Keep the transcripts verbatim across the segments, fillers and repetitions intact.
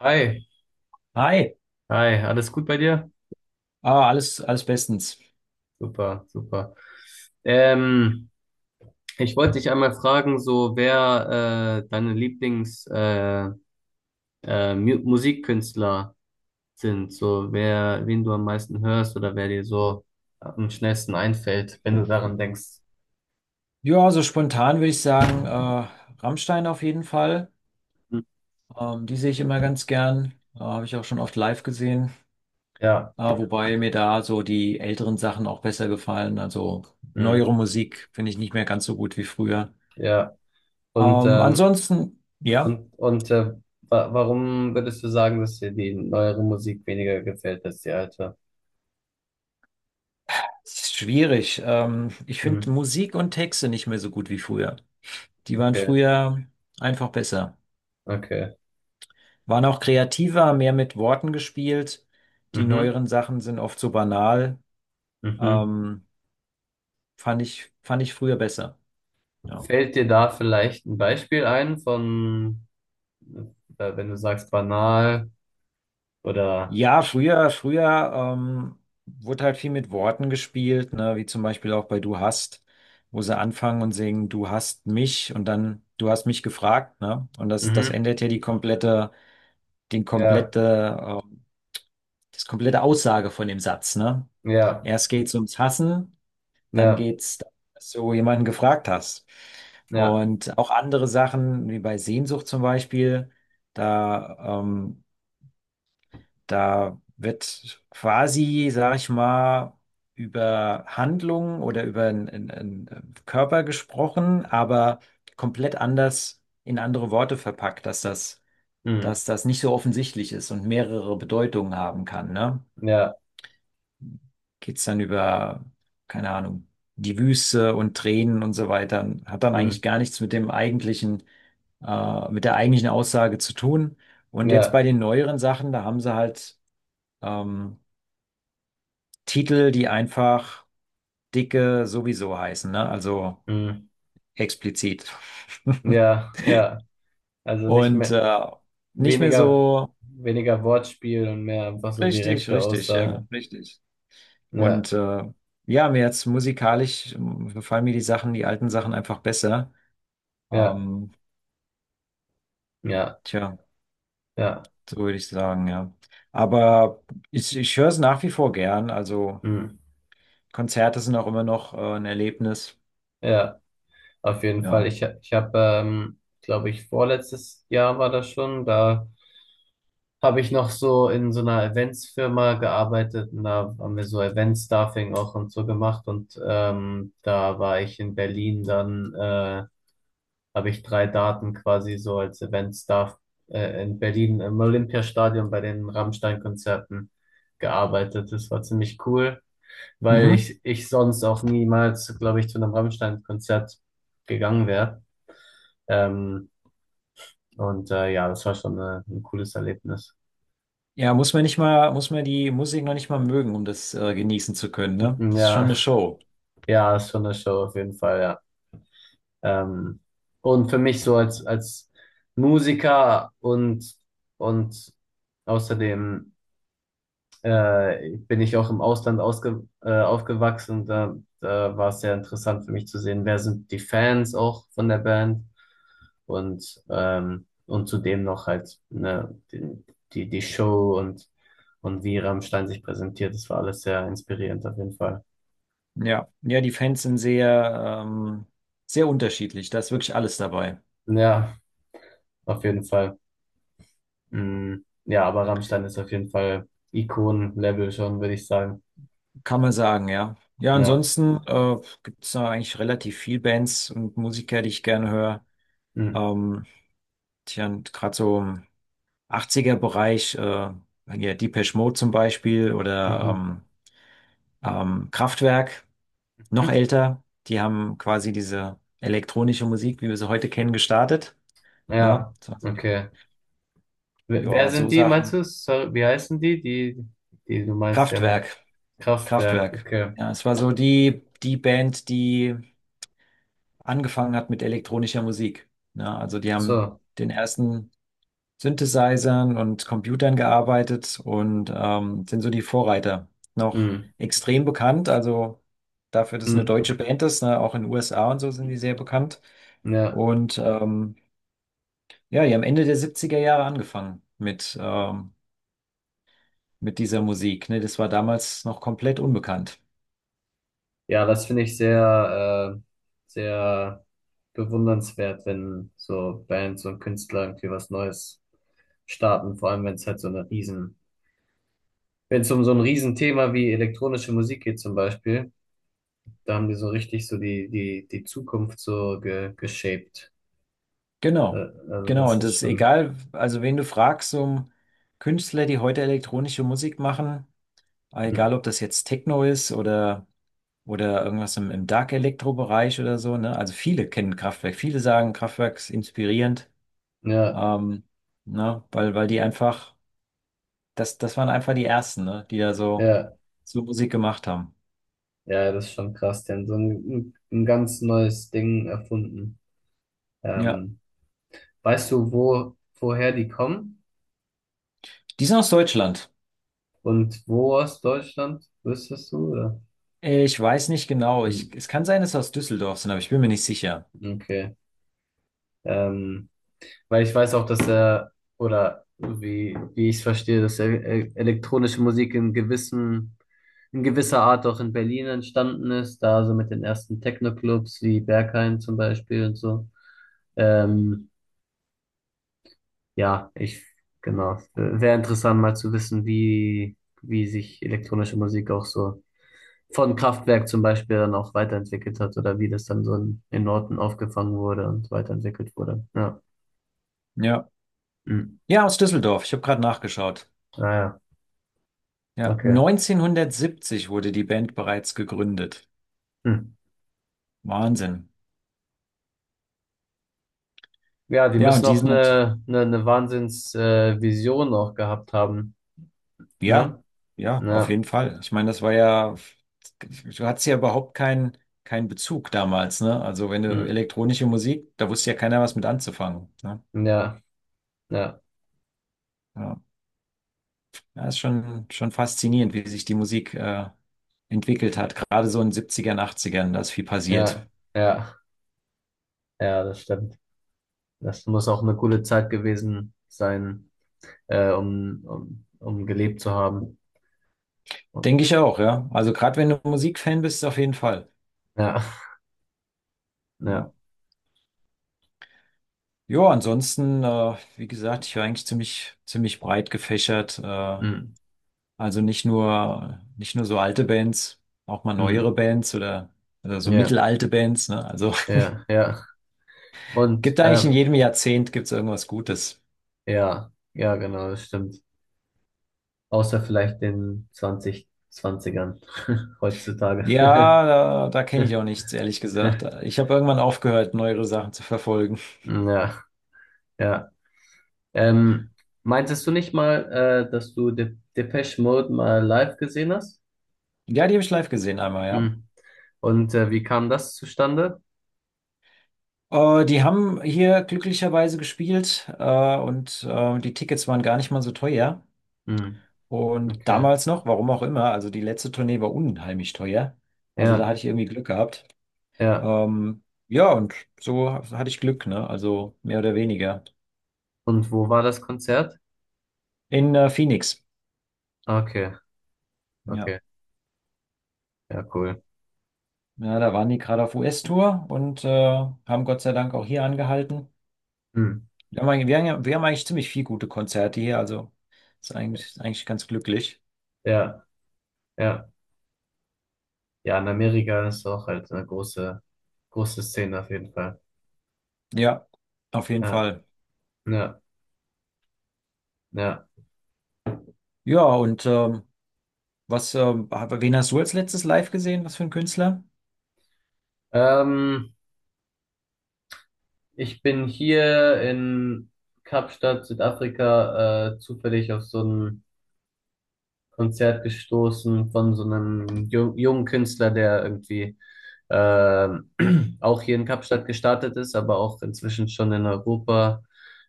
Hi, Hi, hi, alles gut bei dir? ah, alles, alles bestens. Super, super. Ähm, ich wollte dich einmal fragen, so wer äh, deine Lieblings äh, äh, Mu Musikkünstler sind, so wer, wen du am meisten hörst oder wer dir so am schnellsten einfällt, wenn du daran denkst. Ja, so spontan würde ich sagen, äh, Rammstein auf jeden Fall. Hm. Ähm, die sehe ich immer ganz gern. Äh, habe ich auch schon oft live gesehen. Ja, Äh, wobei mir da so die älteren Sachen auch besser gefallen. Also hm, neuere Musik finde ich nicht mehr ganz so gut wie früher. ja. Und Ähm, ähm, Ansonsten, ja, und und äh, wa warum würdest du sagen, dass dir die neuere Musik weniger gefällt als die alte? es ist schwierig. Ähm, ich finde Hm. Musik und Texte nicht mehr so gut wie früher. Die waren Okay, früher einfach besser. okay. Waren auch kreativer, mehr mit Worten gespielt. Die Mhm. neueren Sachen sind oft so banal. Mhm. Ähm, fand ich, fand ich früher besser. Ja, Fällt dir da vielleicht ein Beispiel ein, von, äh, wenn du sagst banal? Oder ja früher, früher ähm, wurde halt viel mit Worten gespielt, ne? Wie zum Beispiel auch bei Du hast, wo sie anfangen und singen, Du hast mich und dann Du hast mich gefragt, ne? Und das, das mhm, ändert ja die komplette, den ja, komplette, ähm, das komplette Aussage von dem Satz, ne? ja, Erst geht's ums Hassen. Dann ja, geht's, dass du jemanden gefragt hast. ja, Und auch andere Sachen, wie bei Sehnsucht zum Beispiel, da, ähm, da wird quasi, sag ich mal, über Handlungen oder über einen Körper gesprochen, aber komplett anders in andere Worte verpackt, dass das, mm, dass das nicht so offensichtlich ist und mehrere Bedeutungen haben kann, ne? ja, Geht's dann über, keine Ahnung, die Wüste und Tränen und so weiter. Hat dann mm, eigentlich gar nichts mit dem eigentlichen, äh, mit der eigentlichen Aussage zu tun. Und jetzt ja, bei den neueren Sachen, da haben sie halt ähm, Titel, die einfach dicke sowieso heißen, ne? Also mm, explizit. ja, ja. Also nicht Und mehr äh, nicht mehr weniger so weniger Wortspiel und mehr einfach so richtig, direkte richtig, ja, Aussagen. richtig. Ja, Und äh, ja, mir jetzt musikalisch ähm, gefallen mir die Sachen, die alten Sachen einfach besser. ja, Ähm, ja, Tja, ja, so würde ich sagen, ja. Aber ich, ich höre es nach wie vor gern. Also mm, Konzerte sind auch immer noch äh, ein Erlebnis. ja. Auf jeden Fall. Ja. Ich, ich habe, ähm, glaube ich, vorletztes Jahr war das schon da. Habe ich noch so in so einer Eventsfirma gearbeitet, und da haben wir so Event-Staffing auch und so gemacht. Und ähm, da war ich in Berlin, dann äh, habe ich drei Daten quasi so als Event-Staff äh, in Berlin im Olympiastadion bei den Rammstein-Konzerten gearbeitet. Das war ziemlich cool, weil Mhm. ich, ich sonst auch niemals, glaube ich, zu einem Rammstein-Konzert gegangen wäre. Ähm, und äh, ja, das war schon äh, ein cooles Erlebnis. Ja, muss man nicht mal, muss man die Musik noch nicht mal mögen, um das äh, genießen zu können, ne? Das ist schon Ja. eine Show. Ja, ist schon eine Show auf jeden Fall, ja. Ähm, und für mich so als, als Musiker und, und außerdem äh, bin ich auch im Ausland ausge, äh, aufgewachsen. Da, da war es sehr interessant für mich zu sehen, wer sind die Fans auch von der Band, und, ähm, und zudem noch halt, ne, die, die, die, Show, und, und wie Rammstein sich präsentiert. Das war alles sehr inspirierend auf jeden Fall. Ja. Ja, die Fans sind sehr, ähm, sehr unterschiedlich. Da ist wirklich alles dabei. Ja, auf jeden Fall. Mm, ja, aber Rammstein ist auf jeden Fall Ikonen-Level schon, würde ich sagen. Kann man sagen, ja. Ja, Ja. ansonsten äh, gibt es da eigentlich relativ viel Bands und Musiker, die ich gerne höre. Mm. Ähm, Tja, und gerade so, achtziger-Bereich, äh, hier Depeche Mode zum Beispiel oder Mhm. ähm, ähm, Kraftwerk, noch Mhm. älter. Die haben quasi diese elektronische Musik, wie wir sie heute kennen, gestartet. Ne? Ja, Das waren so also die, okay. Wer, wer ja, so sind die, meinst Sachen. du? Sorry, wie heißen die? Die, die du meinst, die haben Kraftwerk, Kraftwerk. Kraftwerk. Okay. Ja, es war so die, die Band, die angefangen hat mit elektronischer Musik. Ne? Also Ach die haben so. den ersten Synthesizern und Computern gearbeitet und ähm, sind so die Vorreiter. Noch Mm, extrem bekannt, also dafür, dass es eine mm, deutsche Band ist, ne? Auch in den U S A und so sind die sehr bekannt. ja. Und ähm, ja, die haben Ende der siebziger Jahre angefangen mit, ähm, mit dieser Musik. Ne? Das war damals noch komplett unbekannt. Ja, das finde ich sehr, äh, sehr bewundernswert, wenn so Bands und Künstler irgendwie was Neues starten, vor allem wenn es halt so eine riesen Wenn es um so ein Riesenthema wie elektronische Musik geht, zum Beispiel. Da haben die so richtig so die, die, die Zukunft so ge, geshaped. Äh, Genau, also genau. das Und ist das ist schon— egal, also wen du fragst, um Künstler, die heute elektronische Musik machen, Hm. egal ob das jetzt Techno ist oder oder irgendwas im, im Dark Elektro-Bereich oder so, ne? Also viele kennen Kraftwerk, viele sagen Kraftwerk ist inspirierend, Ja, ähm, ne? Weil, weil die einfach, das, das waren einfach die ersten, ne? Die da so, ja, so Musik gemacht haben. ja, das ist schon krass. Die haben so ein, ein ganz neues Ding erfunden. Ja. Ähm, Weißt du, wo, woher die kommen? Die sind aus Deutschland. Und wo aus Deutschland? Wüsstest du, oder? Äh, Ich weiß nicht genau. Ich, Hm. es kann sein, dass sie aus Düsseldorf sind, aber ich bin mir nicht sicher. Okay. Ähm, weil ich weiß auch, dass er, oder wie, wie ich es verstehe, dass er, äh, elektronische Musik in gewissen, in gewisser Art auch in Berlin entstanden ist, da so mit den ersten Techno-Clubs wie Berghain zum Beispiel und so. Ähm, ja, ich, genau. Wäre interessant mal zu wissen, wie, wie sich elektronische Musik auch so von Kraftwerk zum Beispiel dann auch weiterentwickelt hat, oder wie das dann so in, in, Norton aufgefangen wurde und weiterentwickelt wurde. Ja. Ja. Hm. Ja, aus Düsseldorf. Ich habe gerade nachgeschaut. Naja, Ja. okay. neunzehnhundertsiebzig wurde die Band bereits gegründet. Hm. Wahnsinn. Ja, die Ja, müssen und die auch sind halt. eine, eine, eine Wahnsinns-, äh, Vision auch gehabt haben, Ja, ne? ja, auf Ja, jeden Fall. Ich meine, das war ja, du hattest ja überhaupt keinen keinen Bezug damals, ne? Also wenn du mm, elektronische Musik, da wusste ja keiner was mit anzufangen, ne? ja, ja, Ja, ja ist schon, schon faszinierend, wie sich die Musik äh, entwickelt hat. Gerade so in den Siebzigern, Achtzigern, da ist viel passiert. ja, ja, ja, das stimmt. Das muss auch eine coole Zeit gewesen sein, äh, um, um, um gelebt zu haben. Denke ich auch, ja. Also gerade wenn du Musikfan bist, auf jeden Fall. Ja, ja, Ja. Jo, ansonsten, äh, wie gesagt, ich war eigentlich ziemlich, ziemlich breit gefächert. Äh, mm, Also nicht nur, nicht nur so alte Bands, auch mal neuere mm, Bands oder, oder so ja, mittelalte Bands, ne? Also ja, ja. Und, gibt eigentlich in ähm, jedem Jahrzehnt gibt's irgendwas Gutes. ja, ja, genau, das stimmt. Außer vielleicht den zwanzig zwanzigern heutzutage. Ja, da, da kenne ich auch nichts, ehrlich gesagt. Ich habe irgendwann aufgehört, neuere Sachen zu verfolgen. Ja, ja. Ähm, meintest du nicht mal, äh, dass du De Depeche Mode mal live gesehen hast? Ja, die habe ich live gesehen einmal, ja. Hm. Und äh, wie kam das zustande? Äh, die haben hier glücklicherweise gespielt äh, und äh, die Tickets waren gar nicht mal so teuer. Hm. Und Okay. damals noch, warum auch immer, also die letzte Tournee war unheimlich teuer. Also da Ja, hatte ich irgendwie Glück gehabt. ja. Ähm, ja, und so hatte ich Glück, ne? Also mehr oder weniger. Und wo war das Konzert? In äh, Phoenix. Ah, okay, Ja. okay. Ja, cool. Ja, da waren die gerade auf U S-Tour und äh, haben Gott sei Dank auch hier angehalten. Hm. Wir haben, eigentlich- wir haben, ja- wir haben eigentlich ziemlich viele gute Konzerte hier, also ist eigentlich, ist eigentlich ganz glücklich. Ja, ja. Ja, in Amerika ist auch halt eine große, große Szene auf jeden Fall. Ja, auf jeden Ja, Fall. ja, ja. Ja, und ähm, was, ähm, wen hast du als letztes live gesehen? Was für ein Künstler? Ähm, ich bin hier in Kapstadt, Südafrika, äh, zufällig auf so einem Konzert gestoßen von so einem jung, jungen Künstler, der irgendwie ähm, auch hier in Kapstadt gestartet ist, aber auch inzwischen schon in Europa.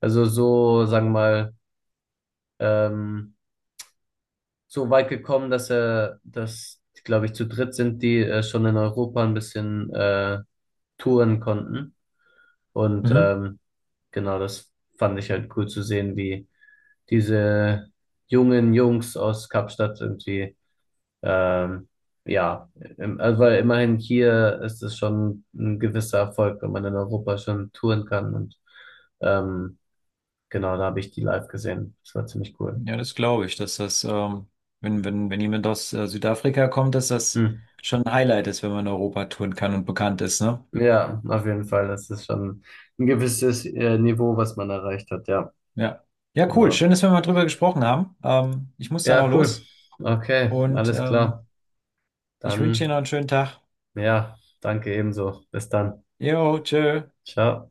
Also so, sagen wir mal, ähm, so weit gekommen, dass er, dass, glaube ich, zu dritt sind, die äh, schon in Europa ein bisschen äh, touren konnten. Und Mhm. ähm, genau, das fand ich halt cool zu sehen, wie diese jungen Jungs aus Kapstadt irgendwie— Ähm, ja, im- also weil immerhin hier ist es schon ein gewisser Erfolg, wenn man in Europa schon touren kann. Und ähm, genau, da habe ich die live gesehen. Das war ziemlich cool. Ja, das glaube ich, dass das, ähm, wenn, wenn, wenn jemand aus äh, Südafrika kommt, dass das Hm. schon ein Highlight ist, wenn man Europa touren kann und bekannt ist, ne? Ja, auf jeden Fall. Das ist schon ein gewisses äh, Niveau, was man erreicht hat. Ja, Ja. Ja, cool. genau. Schön, dass wir mal drüber gesprochen haben. Ähm, ich muss dann auch Ja, cool. los Okay, und alles ähm, klar. ich wünsche dir noch Dann, einen schönen Tag. ja, danke ebenso. Bis dann. Jo, tschö. Ciao.